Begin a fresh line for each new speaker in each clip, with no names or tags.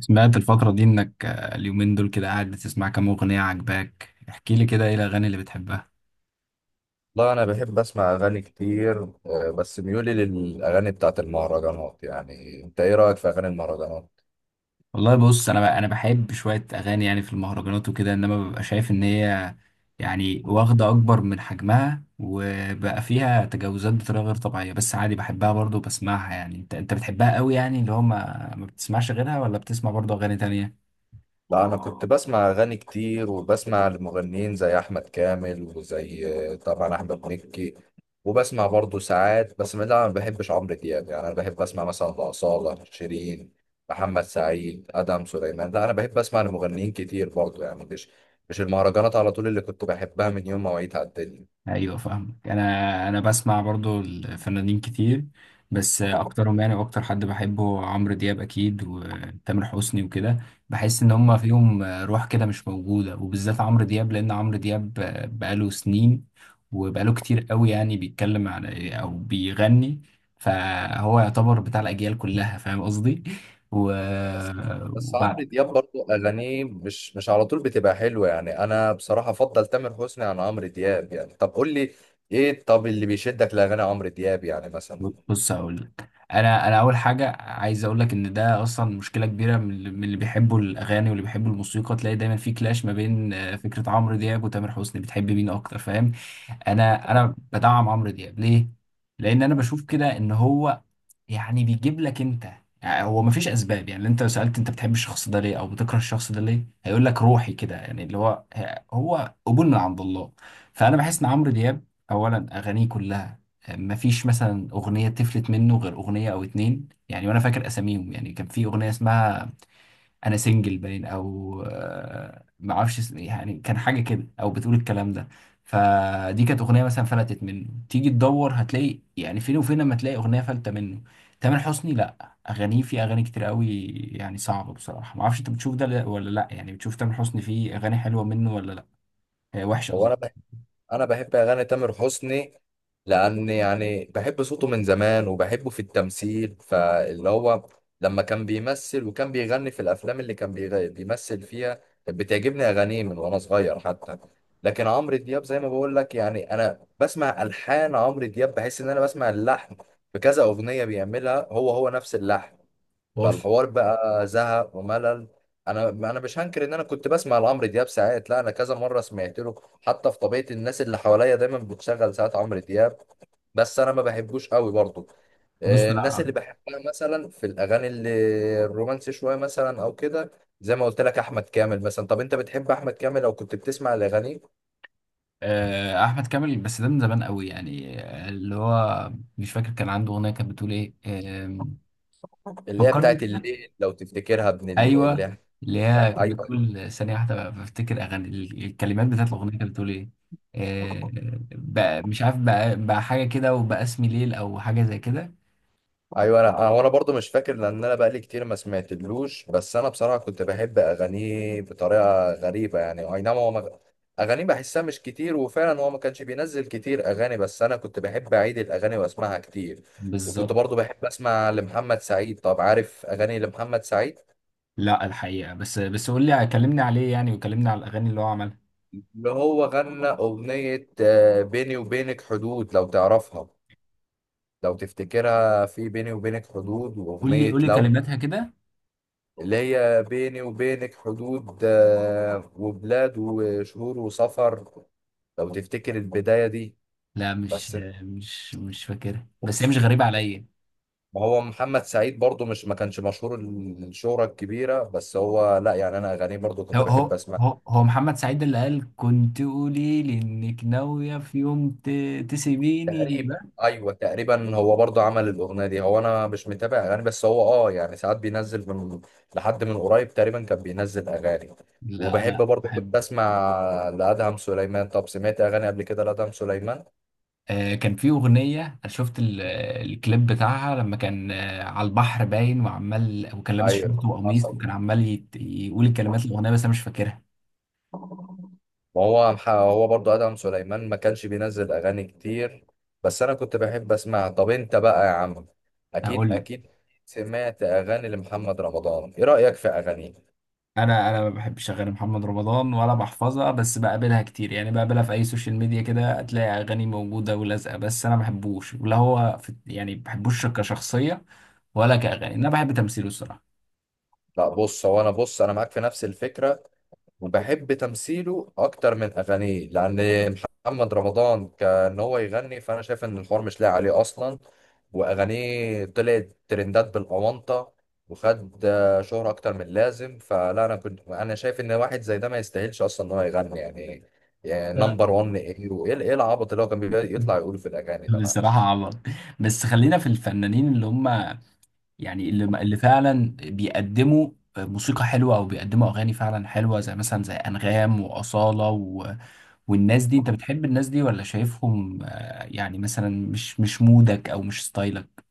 سمعت الفترة دي إنك اليومين دول كده قاعد بتسمع كام أغنية عجباك، احكي لي كده إيه الأغاني اللي بتحبها؟
والله أنا بحب أسمع أغاني كتير، بس ميولي للأغاني بتاعت المهرجانات، يعني أنت إيه رأيك في أغاني المهرجانات؟
والله بص، أنا بحب شوية أغاني يعني في المهرجانات وكده، إنما ببقى شايف إن هي يعني واخدة أكبر من حجمها وبقى فيها تجاوزات بطريقة غير طبيعية. بس عادي بحبها برضه بسمعها. يعني أنت بتحبها قوي يعني اللي هو ما بتسمعش غيرها ولا بتسمع برضه أغاني تانية؟
لا أنا كنت بسمع أغاني كتير وبسمع لمغنيين زي أحمد كامل وزي طبعا أحمد مكي. وبسمع برضه ساعات، بس لا أنا ما بحبش عمرو دياب. يعني أنا بحب أسمع مثلا لأصالة، شيرين، محمد سعيد، أدم سليمان. لا أنا بحب أسمع لمغنيين كتير برضه، يعني مش المهرجانات على طول اللي كنت بحبها من يوم ما وعيت على الدنيا.
ايوه فاهمك. انا بسمع برضو الفنانين كتير، بس اكترهم يعني. واكتر حد بحبه عمرو دياب اكيد، وتامر حسني وكده. بحس ان هما فيهم روح كده مش موجوده، وبالذات عمرو دياب، لان عمرو دياب بقاله سنين وبقاله كتير قوي. يعني بيتكلم على او بيغني، فهو يعتبر بتاع الاجيال كلها. فاهم قصدي؟ و
بس بس
وبع-
عمرو دياب برضه اغانيه مش على طول بتبقى حلوه، يعني انا بصراحه افضل تامر حسني عن عمرو دياب. يعني طب قول لي ايه، طب اللي بيشدك لاغاني عمرو دياب يعني مثلا؟
بص هقول لك. انا اول حاجه عايز اقول لك ان ده اصلا مشكله كبيره. من اللي بيحبوا الاغاني واللي بيحبوا الموسيقى تلاقي دايما في كلاش ما بين فكره عمرو دياب وتامر حسني، بتحب مين اكتر؟ فاهم؟ انا بدعم عمرو دياب ليه؟ لان انا بشوف كده ان هو يعني بيجيب لك انت. يعني هو مفيش اسباب. يعني انت لو سالت انت بتحب الشخص ده ليه او بتكره الشخص ده ليه، هيقول لك روحي كده. يعني اللي هو هو قبول من عند الله. فانا بحس ان عمرو دياب اولا اغانيه كلها مفيش مثلا اغنيه تفلت منه غير اغنيه او اتنين يعني. وانا فاكر اساميهم يعني. كان في اغنيه اسمها انا سنجل باين، او ما اعرفش اسم إيه، يعني كان حاجه كده او بتقول الكلام ده. فدي كانت اغنيه مثلا فلتت منه، تيجي تدور هتلاقي يعني فين وفين لما تلاقي اغنيه فلتة منه. تامر حسني لا اغانيه في اغاني كتير قوي، يعني صعبه بصراحه. ما اعرفش انت بتشوف ده ولا لا؟ يعني بتشوف تامر حسني فيه اغاني حلوه منه ولا لا؟ وحشه
هو
قصدي.
انا بحب اغاني تامر حسني، لان يعني بحب صوته من زمان وبحبه في التمثيل، فاللي هو لما كان بيمثل وكان بيغني في الافلام اللي كان بيمثل فيها كانت بتعجبني اغانيه من وانا صغير حتى. لكن عمرو دياب زي ما بقول لك، يعني انا بسمع الحان عمرو دياب بحس ان انا بسمع اللحن في كذا اغنيه بيعملها، هو نفس اللحن،
بص
فالحوار بقى زهق وملل. انا مش هنكر ان انا كنت بسمع لعمرو دياب ساعات، لا انا كذا مره سمعت له، حتى في طبيعه الناس اللي حواليا دايما بتشغل ساعات عمرو دياب، بس انا ما بحبوش قوي برضه.
بص، لا
الناس
أقول
اللي
لك.
بحبها مثلا في الاغاني اللي الرومانسي شويه مثلا او كده، زي ما قلت لك احمد كامل مثلا. طب انت بتحب احمد كامل لو كنت بتسمع الاغاني؟
احمد كامل، بس ده من زمان قوي يعني. اللي هو مش فاكر، كان عنده اغنيه كانت بتقول ايه.
اللي هي
فكرني
بتاعت
كده.
الليل، لو تفتكرها، ابن ال- اللي
ايوه،
هي-
اللي هي كانت
ايوه.
بتقول ثانيه واحده بفتكر اغاني الكلمات بتاعت الاغنيه كانت بتقول ايه. آه، بقى مش عارف، بقى بقى حاجه كده، وبقى اسمي ليل او حاجه زي كده.
ايوه انا وانا برضو مش فاكر، لان انا بقالي كتير ما سمعتلوش، بس انا بصراحه كنت بحب اغانيه بطريقه غريبه، يعني اي نعم. هو ما... اغانيه بحسها مش كتير، وفعلا هو ما كانش بينزل كتير اغاني، بس انا كنت بحب اعيد الاغاني واسمعها كتير. وكنت
بالظبط.
برضو بحب اسمع لمحمد سعيد. طب عارف اغاني لمحمد سعيد؟
لا الحقيقه بس، بس قول لي، كلمني عليه يعني، وكلمني على الاغاني اللي هو عملها.
اللي هو غنى اغنيه بيني وبينك حدود، لو تعرفها، لو تفتكرها، في بيني وبينك حدود
قول لي
واغنيه
قول لي
لو،
كلماتها كده.
اللي هي بيني وبينك حدود وبلاد وشهور وسفر، لو تفتكر البداية دي.
لا مش
بس انت،
مش مش فاكرها، بس هي مش
بص،
غريبه عليا.
ما هو محمد سعيد برضو مش، ما كانش مشهور الشهرة الكبيرة، بس هو لا يعني انا اغانيه برضو
هو
كنت بحب
هو
اسمع.
هو هو محمد سعيد اللي قال كنت قولي لي انك ناويه في يوم تسيبيني
تقريبا
ده.
ايوه، تقريبا هو برضو عمل الاغنية دي. هو انا مش متابع اغاني، بس هو اه يعني ساعات بينزل من، لحد من قريب تقريبا كان بينزل اغاني.
لا
وبحب
انا
برضو كنت
بحب.
اسمع لادهم سليمان. طب سمعت اغاني قبل كده لادهم سليمان؟
كان في أغنية أنا شفت الكليب بتاعها، لما كان على البحر باين وعمال، وكان لابس شورت
ايوه
وقميص،
حصل.
وكان عمال يقول الكلمات الأغنية، بس أنا مش فاكرها.
ما هو هو برضو ادهم سليمان ما كانش بينزل اغاني كتير، بس انا كنت بحب اسمعها. طب انت بقى يا عم، اكيد
هقول لك.
اكيد، سمعت اغاني لمحمد رمضان؟ ايه رايك في اغانيه؟
أنا ما بحبش أغاني محمد رمضان ولا بحفظها، بس بقابلها كتير يعني. بقابلها في أي سوشيال ميديا كده، هتلاقي أغاني موجودة ولازقة، بس أنا ما بحبوش. ولا هو في يعني، ما بحبوش كشخصية ولا كأغاني. أنا بحب تمثيله الصراحة.
لا بص، هو انا، بص انا معاك في نفس الفكره، وبحب تمثيله اكتر من اغانيه، لان محمد رمضان كان هو يغني، فانا شايف ان الحوار مش لاقي عليه اصلا، واغانيه طلعت ترندات بالاونطه، وخد شهرة اكتر من اللازم. فلا انا كنت، انا شايف ان واحد زي ده ما يستاهلش اصلا ان هو يغني يعني. نمبر 1 ايه، وايه إيه العبط اللي هو كان بيطلع يقوله في الاغاني ده،
بصراحة
معلش.
عبط. بس خلينا في الفنانين اللي هم يعني اللي فعلا بيقدموا موسيقى حلوة أو بيقدموا أغاني فعلا حلوة، زي مثلا زي أنغام وأصالة و... والناس دي. أنت بتحب الناس دي ولا شايفهم يعني مثلا مش مودك أو مش ستايلك؟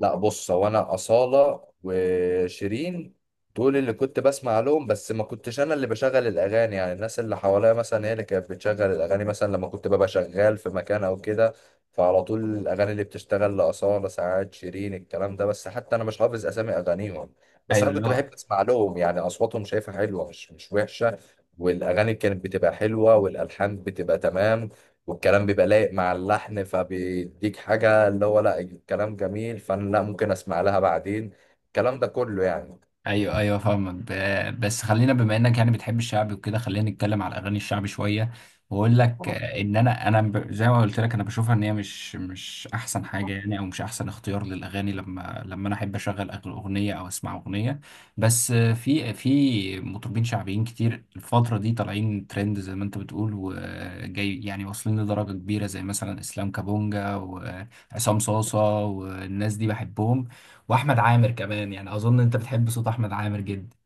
لا بص، هو انا اصاله وشيرين، دول اللي كنت بسمع لهم، بس ما كنتش انا اللي بشغل الاغاني، يعني الناس اللي حواليا مثلا هي اللي كانت بتشغل الاغاني، مثلا لما كنت ببقى شغال في مكان او كده، فعلى طول الاغاني اللي بتشتغل لاصاله ساعات شيرين الكلام ده، بس حتى انا مش حافظ اسامي اغانيهم، بس
أيوه
انا كنت
لا.
بحب اسمع لهم، يعني اصواتهم شايفها حلوه، مش وحشه، والاغاني كانت بتبقى حلوه والالحان بتبقى تمام، والكلام بيبقى لايق مع اللحن، فبيديك حاجة اللي هو لا الكلام جميل، فأنا لا ممكن أسمع لها بعدين الكلام ده كله يعني.
ايوه ايوه فاهمك. بس خلينا، بما انك يعني بتحب الشعبي وكده، خلينا نتكلم على الاغاني الشعبي شويه. واقول لك ان انا زي ما قلت لك انا بشوفها ان هي مش احسن حاجه يعني، او مش احسن اختيار للاغاني لما انا احب اشغل اغنيه او اسمع اغنيه. بس في مطربين شعبيين كتير الفتره دي طالعين ترند زي ما انت بتقول وجاي يعني، واصلين لدرجه كبيره، زي مثلا اسلام كابونجا وعصام صاصه والناس دي، بحبهم. واحمد عامر كمان يعني. اظن انت بتحب صوت احمد عامر جدا.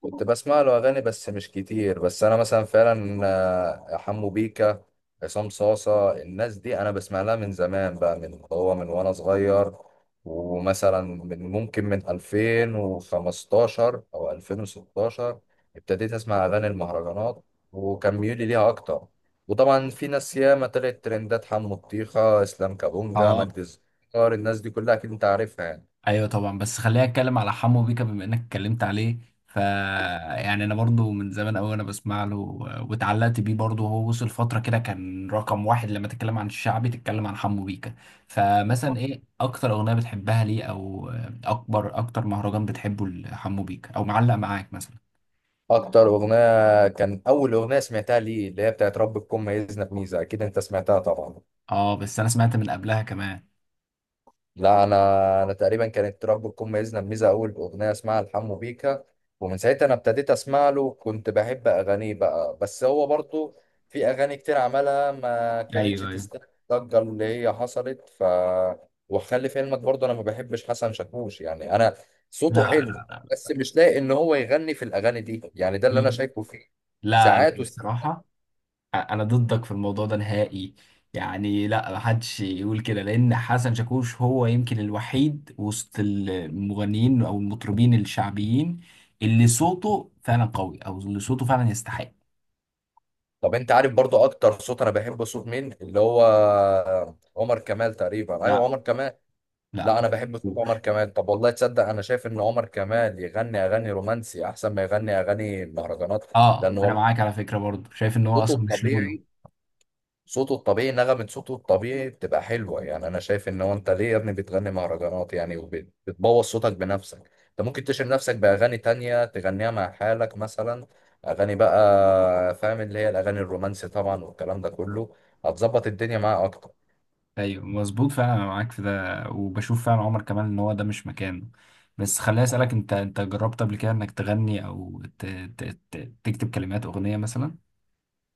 كنت بسمع له أغاني بس مش كتير، بس أنا مثلا فعلا حمو بيكا، عصام صاصة، الناس دي أنا بسمع لها من زمان بقى، من هو، من وأنا صغير، ومثلا من ممكن من 2015 أو 2016 ابتديت أسمع أغاني المهرجانات، وكان ميولي ليها أكتر، وطبعا في ناس ياما طلعت ترندات، حمو الطيخة، إسلام كابونجا،
اه.
مجدي الزكار، الناس دي كلها أكيد أنت عارفها يعني.
ايوه طبعا. بس خليني اتكلم على حمو بيكا بما انك اتكلمت عليه. ف يعني انا برضو من زمان قوي انا بسمع له، واتعلقت بيه برضو. هو وصل فتره كده كان رقم واحد، لما تتكلم عن الشعبي تتكلم عن حمو بيكا. فمثلا ايه اكتر اغنيه بتحبها ليه، او اكبر اكتر مهرجان بتحبه لحمو بيكا او معلق معاك مثلا؟
أكتر أغنية كان أول أغنية سمعتها ليه اللي هي بتاعت رب تكون ميزنا بميزة، أكيد أنت سمعتها طبعا.
اه بس انا سمعت من قبلها كمان.
لا انا، انا تقريبا كانت رب تكون ميزنا بميزه اول باغنيه اسمها الحمو بيكا، ومن ساعتها انا ابتديت اسمع له، كنت بحب اغانيه بقى، بس هو برضو في اغاني كتير عملها ما كانتش
ايوه ايوه.
تستاهل الضجه اللي هي حصلت. ف وخلي في علمك برضو انا ما بحبش حسن شاكوش، يعني انا صوته
لا
حلو، بس مش لاقي ان هو يغني في الاغاني دي، يعني ده اللي انا شايفه فيه
لا لا
ساعات.
لا، بصراحه انا ضدك في الموضوع ده نهائي. يعني لا محدش يقول كده، لان حسن شاكوش هو يمكن الوحيد وسط المغنيين او المطربين الشعبيين اللي صوته فعلا قوي او اللي صوته فعلا يستحق.
طب انت عارف برضو اكتر صوت انا بحبه صوت مين؟ اللي هو عمر كمال، تقريبا ايوه
لا
عمر كمال.
لا
لا انا بحب صوت عمر
شاكوش.
كمال. طب والله تصدق انا شايف ان عمر كمال يغني اغاني رومانسي احسن ما يغني اغاني مهرجانات.
اه
لان
انا معاك
والله
على فكرة برضه، شايف ان هو
صوته
اصلا مش
الطبيعي،
لونه.
صوته الطبيعي، نغمة صوته الطبيعي بتبقى حلوة، يعني انا شايف ان هو، انت ليه يا ابني بتغني مهرجانات يعني، وبتبوظ صوتك بنفسك؟ انت ممكن تشيل نفسك باغاني تانية تغنيها مع حالك مثلا، اغاني بقى فاهم، اللي هي الاغاني الرومانسي طبعا والكلام ده كله، هتظبط الدنيا معاه اكتر.
ايوه مظبوط فعلا، انا معاك في ده. وبشوف فعلا عمر كمال ان هو ده مش مكانه. بس خليني اسالك، انت جربت قبل كده انك تغني او ت... ت... تكتب كلمات اغنية مثلا؟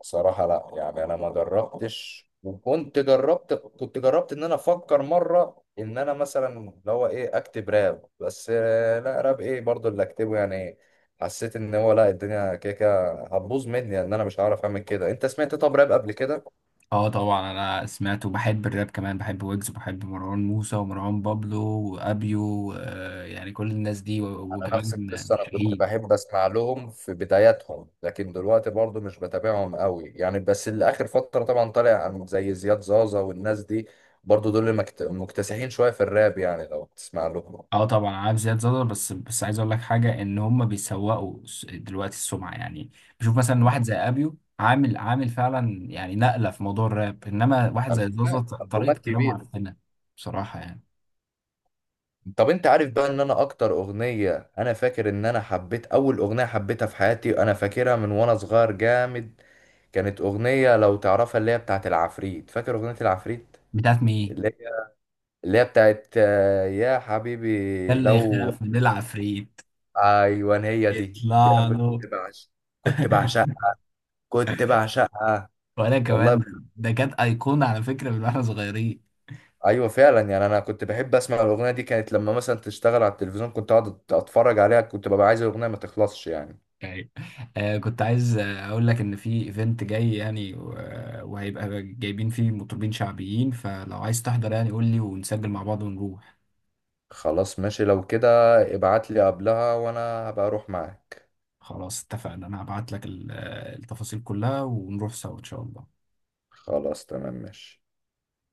صراحة لا يعني انا ما جربتش، وكنت جربت، كنت جربت ان انا افكر مرة ان انا مثلا اللي هو ايه، اكتب راب، بس لا راب ايه برضو اللي اكتبه يعني، حسيت ان هو لا الدنيا كده كده هتبوظ مني يعني، ان انا مش هعرف اعمل كده. انت سمعت طب راب قبل كده؟
اه طبعا انا سمعت وبحب الراب كمان. بحب ويجز وبحب مروان موسى ومروان بابلو وابيو آه يعني كل الناس دي
انا نفس
وكمان
القصة، انا كنت
شاهين.
بحب اسمع لهم في بداياتهم، لكن دلوقتي برضو مش بتابعهم قوي يعني، بس اللي اخر فترة طبعا طالع زي زياد زازا والناس دي، برضو دول اللي مكتسحين شوية في الراب يعني لو تسمع لهم.
اه طبعا عارف زياد زازا. بس بس عايز اقول لك حاجه، ان هم بيسوقوا دلوقتي السمعه يعني. بشوف مثلا واحد زي ابيو عامل عامل فعلا يعني نقله في موضوع الراب، انما واحد زي زازا
ألبومات
طريقه
ألبومات
كلامه
كبيرة.
عفنه بصراحه يعني.
طب أنت عارف بقى إن أنا أكتر أغنية، أنا فاكر إن أنا حبيت أول أغنية حبيتها في حياتي، أنا فاكرها من وأنا صغير جامد، كانت أغنية، لو تعرفها، اللي هي بتاعت العفريت. فاكر أغنية العفريت؟
بتاعت مين؟
اللي هي اللي هي بتاعت يا حبيبي
اللي
لو،
يخاف من العفريت
أيوان هي دي أنا
يطلع له.
كنت بعشق، كنت بعشقها، كنت بعشقها
وانا
والله.
كمان ده كانت ايقونه على فكره من واحنا صغيرين.
ايوه فعلا يعني انا كنت بحب اسمع الاغنيه دي، كانت لما مثلا تشتغل على التلفزيون كنت اقعد اتفرج عليها، كنت ببقى عايز الاغنيه ما تخلصش يعني.
يعني كنت عايز اقول لك ان في ايفنت جاي يعني وهيبقى جايبين فيه مطربين شعبيين، فلو عايز تحضر يعني قول لي ونسجل مع بعض ونروح.
خلاص ماشي لو كده ابعت لي قبلها وانا هبقى اروح معاك.
خلاص اتفقنا، انا هبعت لك التفاصيل كلها ونروح سوا ان شاء الله.
خلاص تمام ماشي.